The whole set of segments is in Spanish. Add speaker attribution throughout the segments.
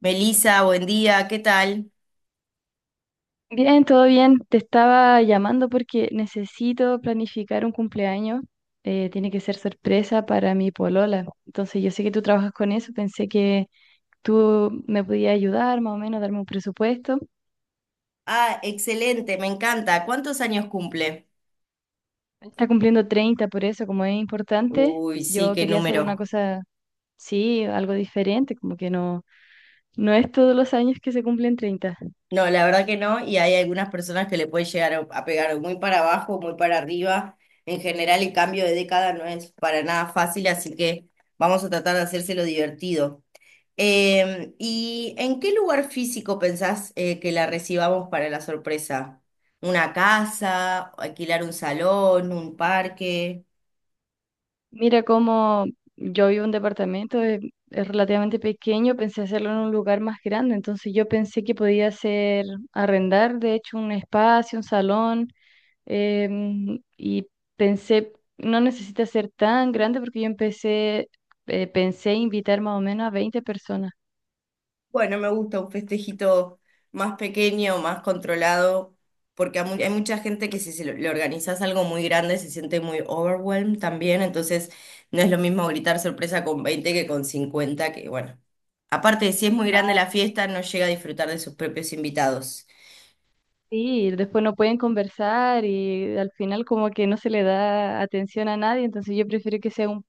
Speaker 1: Belisa, buen día, ¿qué tal?
Speaker 2: Bien, todo bien. Te estaba llamando porque necesito planificar un cumpleaños. Tiene que ser sorpresa para mi polola. Entonces, yo sé que tú trabajas con eso. Pensé que tú me podías ayudar, más o menos, darme un presupuesto.
Speaker 1: Ah, excelente, me encanta. ¿Cuántos años cumple?
Speaker 2: Está cumpliendo 30, por eso, como es importante,
Speaker 1: Uy, sí,
Speaker 2: yo
Speaker 1: qué
Speaker 2: quería hacer una
Speaker 1: número.
Speaker 2: cosa, sí, algo diferente, como que no, no es todos los años que se cumplen 30.
Speaker 1: No, la verdad que no, y hay algunas personas que le puede llegar a pegar muy para abajo, muy para arriba. En general, el cambio de década no es para nada fácil, así que vamos a tratar de hacérselo divertido. ¿Y en qué lugar físico pensás que la recibamos para la sorpresa? ¿Una casa? ¿Alquilar un salón? ¿Un parque?
Speaker 2: Mira, como yo vivo en un departamento, es relativamente pequeño, pensé hacerlo en un lugar más grande, entonces yo pensé que podía hacer, arrendar, de hecho, un espacio, un salón, y pensé, no necesita ser tan grande porque yo empecé, pensé invitar más o menos a 20 personas.
Speaker 1: Bueno, me gusta un festejito más pequeño, más controlado, porque hay mucha gente que si se lo- le organizas algo muy grande se siente muy overwhelmed también, entonces no es lo mismo gritar sorpresa con 20 que con 50. Que bueno, aparte si es muy grande la fiesta, no llega a disfrutar de sus propios invitados.
Speaker 2: Sí, después no pueden conversar y al final como que no se le da atención a nadie, entonces yo prefiero que sea un,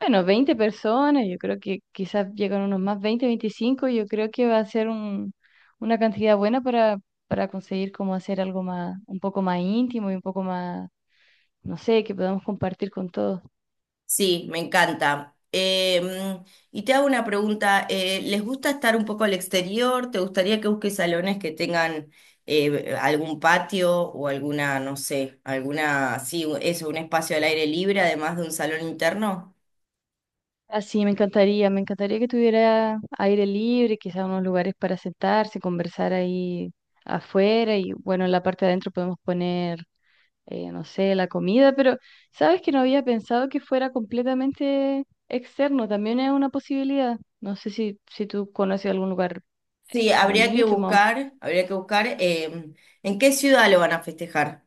Speaker 2: bueno, 20 personas, yo creo que quizás llegan unos más 20, 25, yo creo que va a ser una cantidad buena para conseguir como hacer algo más, un poco más íntimo y un poco más, no sé, que podamos compartir con todos.
Speaker 1: Sí, me encanta. Y te hago una pregunta, ¿les gusta estar un poco al exterior? ¿Te gustaría que busques salones que tengan algún patio o alguna, no sé, alguna, sí, eso, un espacio al aire libre además de un salón interno?
Speaker 2: Así me encantaría que tuviera aire libre, quizás unos lugares para sentarse, conversar ahí afuera y bueno, en la parte de adentro podemos poner no sé, la comida, pero sabes que no había pensado que fuera completamente externo, también es una posibilidad. No sé si tú conoces algún lugar
Speaker 1: Sí,
Speaker 2: bonito, más o menos.
Speaker 1: habría que buscar en qué ciudad lo van a festejar.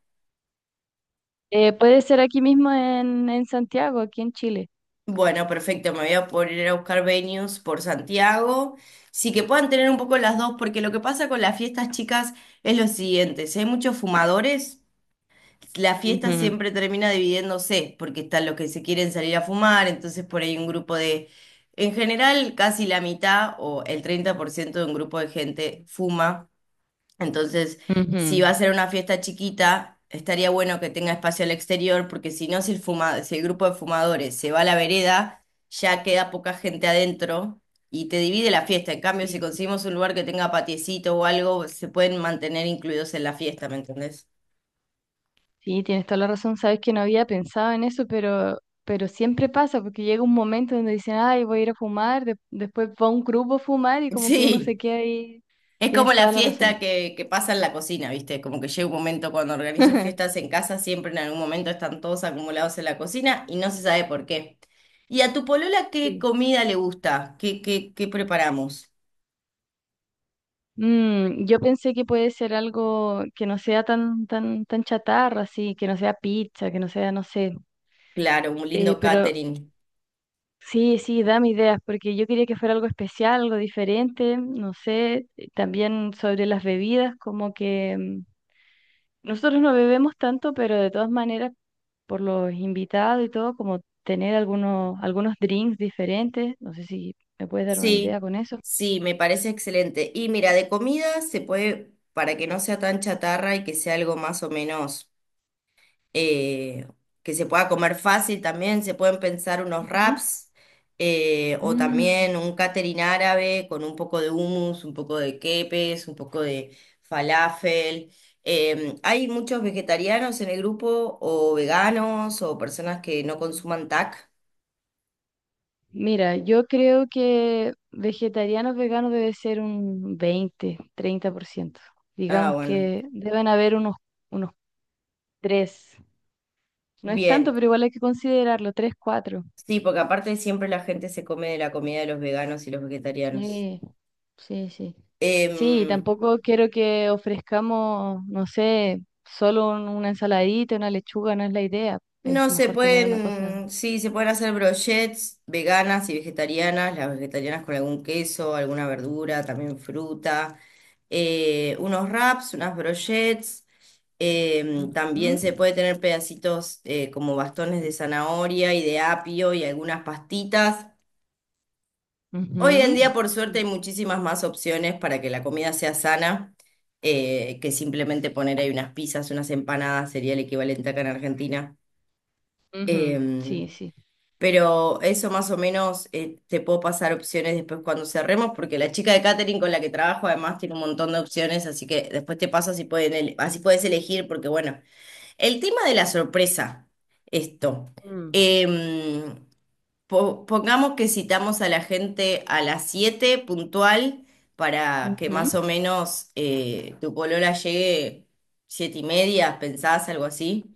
Speaker 2: Puede ser aquí mismo en, Santiago, aquí en Chile.
Speaker 1: Bueno, perfecto, me voy a poner a buscar venues por Santiago. Sí, que puedan tener un poco las dos, porque lo que pasa con las fiestas chicas es lo siguiente, si hay muchos fumadores, la fiesta siempre termina dividiéndose, porque están los que se quieren salir a fumar, entonces por ahí un grupo de, en general, casi la mitad o el 30% de un grupo de gente fuma entonces,
Speaker 2: Ujú,
Speaker 1: si va a
Speaker 2: ujú.
Speaker 1: ser una fiesta chiquita, estaría bueno que tenga espacio al exterior, porque si no, si el grupo de fumadores se va a la vereda, ya queda poca gente adentro y te divide la fiesta. En cambio, si
Speaker 2: Sí,
Speaker 1: conseguimos un lugar que tenga patiecito o algo, se pueden mantener incluidos en la fiesta, ¿me entendés?
Speaker 2: sí, tienes toda la razón, sabes que no había pensado en eso, pero siempre pasa, porque llega un momento donde dicen, ay, voy a ir a fumar, después va un grupo a fumar y como que uno se
Speaker 1: Sí.
Speaker 2: queda ahí.
Speaker 1: Es
Speaker 2: Tienes
Speaker 1: como la
Speaker 2: toda la razón.
Speaker 1: fiesta que pasa en la cocina, ¿viste? Como que llega un momento cuando organizo fiestas en casa, siempre en algún momento están todos acumulados en la cocina y no se sabe por qué. ¿Y a tu polola qué
Speaker 2: Sí.
Speaker 1: comida le gusta? ¿Qué preparamos?
Speaker 2: Yo pensé que puede ser algo que no sea tan, tan, tan chatarra, así, que no sea pizza, que no sea, no sé.
Speaker 1: Claro, un
Speaker 2: Eh,
Speaker 1: lindo
Speaker 2: pero
Speaker 1: catering.
Speaker 2: sí, sí, dame ideas, porque yo quería que fuera algo especial, algo diferente, no sé. También sobre las bebidas, como que nosotros no bebemos tanto, pero de todas maneras, por los invitados y todo, como tener algunos drinks diferentes. No sé si me puedes dar una idea
Speaker 1: Sí,
Speaker 2: con eso.
Speaker 1: sí, me parece excelente. Y mira, de comida se puede, para que no sea tan chatarra y que sea algo más o menos eh, que se pueda comer fácil también, se pueden pensar unos
Speaker 2: Ujú.
Speaker 1: wraps o
Speaker 2: Mm.
Speaker 1: también un catering árabe con un poco de hummus, un poco de quepes, un poco de falafel. Hay muchos vegetarianos en el grupo o veganos o personas que no consuman TAC.
Speaker 2: Mira, yo creo que vegetarianos, veganos debe ser un 20, 30%.
Speaker 1: Ah,
Speaker 2: Digamos
Speaker 1: bueno.
Speaker 2: que deben haber unos 3. No es tanto,
Speaker 1: Bien.
Speaker 2: pero igual hay que considerarlo. 3 4.
Speaker 1: Sí, porque aparte siempre la gente se come de la comida de los veganos y los vegetarianos.
Speaker 2: Sí, sí, sí. Sí,
Speaker 1: Em,
Speaker 2: tampoco quiero que ofrezcamos, no sé, solo una ensaladita, una lechuga, no es la idea. Es
Speaker 1: No, se
Speaker 2: mejor tener una cosa.
Speaker 1: pueden, sí, se pueden hacer brochets veganas y vegetarianas, las vegetarianas con algún queso, alguna verdura, también fruta, unos wraps, unas brochets también se
Speaker 2: Ujú,
Speaker 1: puede tener pedacitos como bastones de zanahoria y de apio y algunas pastitas. Hoy en
Speaker 2: ujú,
Speaker 1: día, por suerte, hay
Speaker 2: sí.
Speaker 1: muchísimas más opciones para que la comida sea sana, que simplemente poner ahí unas pizzas, unas empanadas, sería el equivalente acá en Argentina.
Speaker 2: Ujú, sí,
Speaker 1: Em,
Speaker 2: sí.
Speaker 1: Pero eso más o menos te puedo pasar opciones después cuando cerremos, porque la chica de catering con la que trabajo además tiene un montón de opciones, así que después te paso así así puedes elegir, porque bueno, el tema de la sorpresa, esto.
Speaker 2: Mm,
Speaker 1: Em, Pongamos que citamos a la gente a las 7 puntual para que
Speaker 2: ujú.
Speaker 1: más o menos tu polola llegue siete y media, ¿pensás algo así?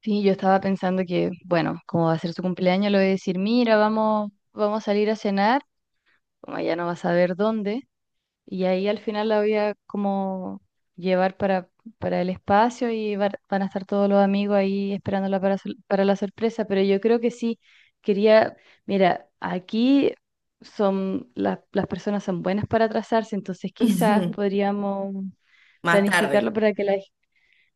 Speaker 2: Sí, yo estaba pensando que, bueno, como va a ser su cumpleaños, le voy a decir, mira, vamos, vamos a salir a cenar, como ella no va a saber dónde, y ahí al final la voy a como llevar para, el espacio y van a estar todos los amigos ahí esperándola para la sorpresa, pero yo creo que sí, quería, mira, aquí son, las personas son buenas para atrasarse, entonces quizás podríamos
Speaker 1: Más tarde,
Speaker 2: planificarlo para que la,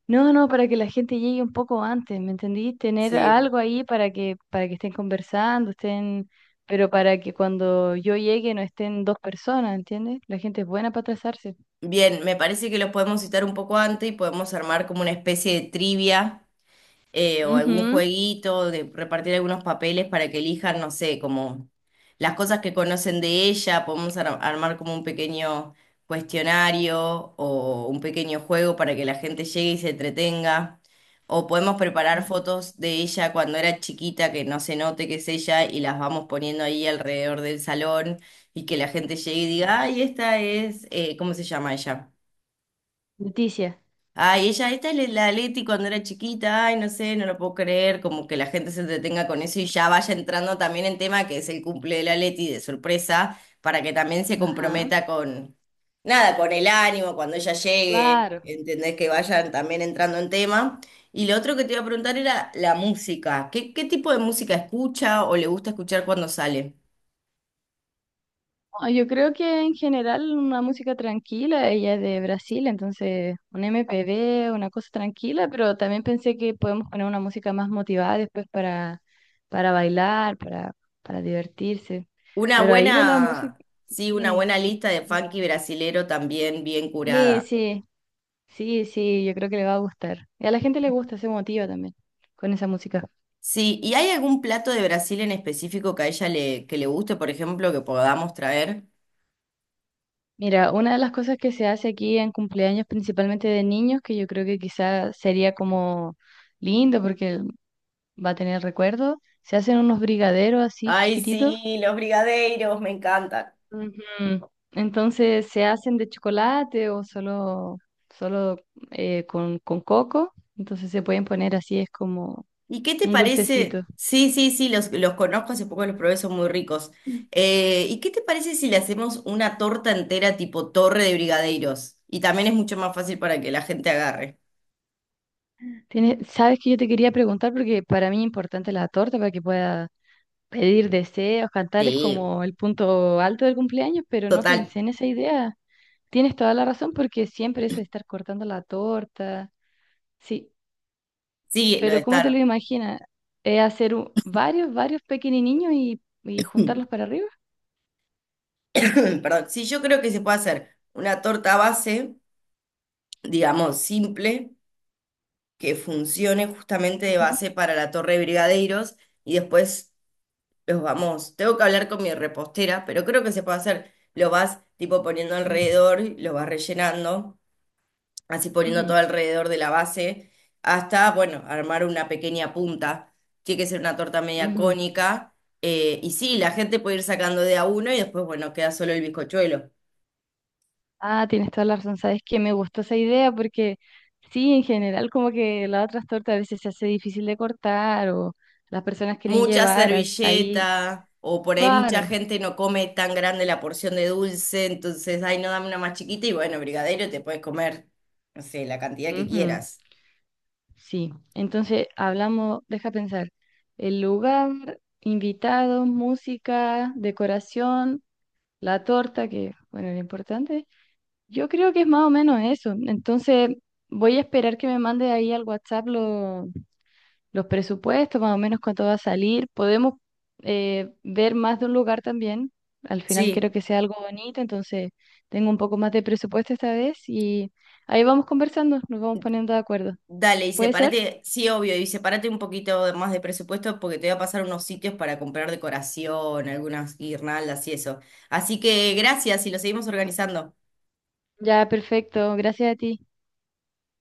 Speaker 2: no, no, para que la gente llegue un poco antes, ¿me entendí? Tener
Speaker 1: sí.
Speaker 2: algo ahí para que, estén conversando, estén, pero para que cuando yo llegue no estén dos personas, ¿entiendes? La gente es buena para atrasarse.
Speaker 1: Bien, me parece que los podemos citar un poco antes y podemos armar como una especie de trivia o algún
Speaker 2: Ujú.
Speaker 1: jueguito, de repartir algunos papeles para que elijan, no sé, como las cosas que conocen de ella, podemos armar como un pequeño cuestionario o un pequeño juego para que la gente llegue y se entretenga, o podemos preparar
Speaker 2: Ujú.
Speaker 1: fotos de ella cuando era chiquita, que no se note que es ella y las vamos poniendo ahí alrededor del salón y que la gente llegue y diga, ay, esta es, ¿cómo se llama ella?
Speaker 2: Leticia.
Speaker 1: Ay, ella, esta es la Leti cuando era chiquita, ay, no sé, no lo puedo creer, como que la gente se entretenga con eso y ya vaya entrando también en tema que es el cumple de la Leti de sorpresa, para que también se
Speaker 2: Ajá.
Speaker 1: comprometa con, nada, con el ánimo cuando ella llegue,
Speaker 2: Claro.
Speaker 1: entendés que vayan también entrando en tema. Y lo otro que te iba a preguntar era la música, ¿qué tipo de música escucha o le gusta escuchar cuando sale?
Speaker 2: No, yo creo que en general una música tranquila, ella es de Brasil, entonces un MPB, una cosa tranquila, pero también pensé que podemos poner una música más motivada después para bailar, para divertirse.
Speaker 1: Una
Speaker 2: Pero ahí de la música,
Speaker 1: buena, sí, una
Speaker 2: sí,
Speaker 1: buena lista de
Speaker 2: sí,
Speaker 1: funky brasilero también bien
Speaker 2: sí,
Speaker 1: curada.
Speaker 2: sí, sí, sí, yo creo que le va a gustar. Y a la gente le gusta, se motiva también con esa música.
Speaker 1: Sí, ¿y hay algún plato de Brasil en específico que a ella le, que le guste, por ejemplo, que podamos traer?
Speaker 2: Mira, una de las cosas que se hace aquí en cumpleaños, principalmente de niños, que yo creo que quizás sería como lindo, porque va a tener recuerdo. Se hacen unos brigaderos así
Speaker 1: Ay,
Speaker 2: chiquititos.
Speaker 1: sí, los brigadeiros, me encantan.
Speaker 2: Ujú. Entonces se hacen de chocolate o solo con coco. Entonces se pueden poner así, es como
Speaker 1: ¿Y qué te
Speaker 2: un dulcecito.
Speaker 1: parece? Sí, sí, sí, los conozco, hace poco los probé, son muy ricos. ¿Y qué te parece si le hacemos una torta entera tipo torre de brigadeiros? Y también es mucho más fácil para que la gente agarre.
Speaker 2: Sabes que yo te quería preguntar, porque para mí es importante la torta para que pueda pedir deseos, cantar es
Speaker 1: Sí,
Speaker 2: como el punto alto del cumpleaños, pero no
Speaker 1: total.
Speaker 2: pensé en esa idea. Tienes toda la razón porque siempre eso de estar cortando la torta. Sí.
Speaker 1: Sí, lo de
Speaker 2: Pero ¿cómo te lo
Speaker 1: estar.
Speaker 2: imaginas? ¿Es hacer varios pequeñinos y juntarlos para arriba?
Speaker 1: Perdón. Sí, yo creo que se puede hacer una torta base, digamos, simple. Que funcione justamente de
Speaker 2: Ujú,
Speaker 1: base para la Torre de Brigadeiros y después los vamos. Tengo que hablar con mi repostera, pero creo que se puede hacer. Lo vas tipo poniendo
Speaker 2: sí.
Speaker 1: alrededor, lo vas rellenando, así poniendo todo
Speaker 2: Ujú,
Speaker 1: alrededor de la base, hasta, bueno, armar una pequeña punta. Tiene que ser una torta media
Speaker 2: ujú.
Speaker 1: cónica. Y sí, la gente puede ir sacando de a uno y después, bueno, queda solo el bizcochuelo.
Speaker 2: Ah, tienes toda la razón. Sabes que me gustó esa idea porque sí, en general como que las otras tortas a veces se hace difícil de cortar o las personas quieren
Speaker 1: Mucha
Speaker 2: llevar ahí.
Speaker 1: servilleta, o por ahí mucha
Speaker 2: Claro,
Speaker 1: gente no come tan grande la porción de dulce, entonces, ay, no, dame una más chiquita, y bueno, brigadero, te puedes comer, no sé, la cantidad que
Speaker 2: ujú,
Speaker 1: quieras.
Speaker 2: sí. Entonces hablamos, deja pensar, el lugar, invitados, música, decoración, la torta, que bueno, era importante. Yo creo que es más o menos eso. Entonces, voy a esperar que me mande ahí al WhatsApp los presupuestos, más o menos cuánto va a salir. Podemos ver más de un lugar también. Al final
Speaker 1: Sí,
Speaker 2: quiero que sea algo bonito, entonces tengo un poco más de presupuesto esta vez y ahí vamos conversando, nos vamos poniendo de acuerdo.
Speaker 1: dale, y
Speaker 2: ¿Puede ser?
Speaker 1: sepárate, sí, obvio, y sepárate un poquito más de presupuesto porque te voy a pasar unos sitios para comprar decoración, algunas guirnaldas y eso. Así que gracias y lo seguimos organizando.
Speaker 2: Ya, perfecto. Gracias a ti.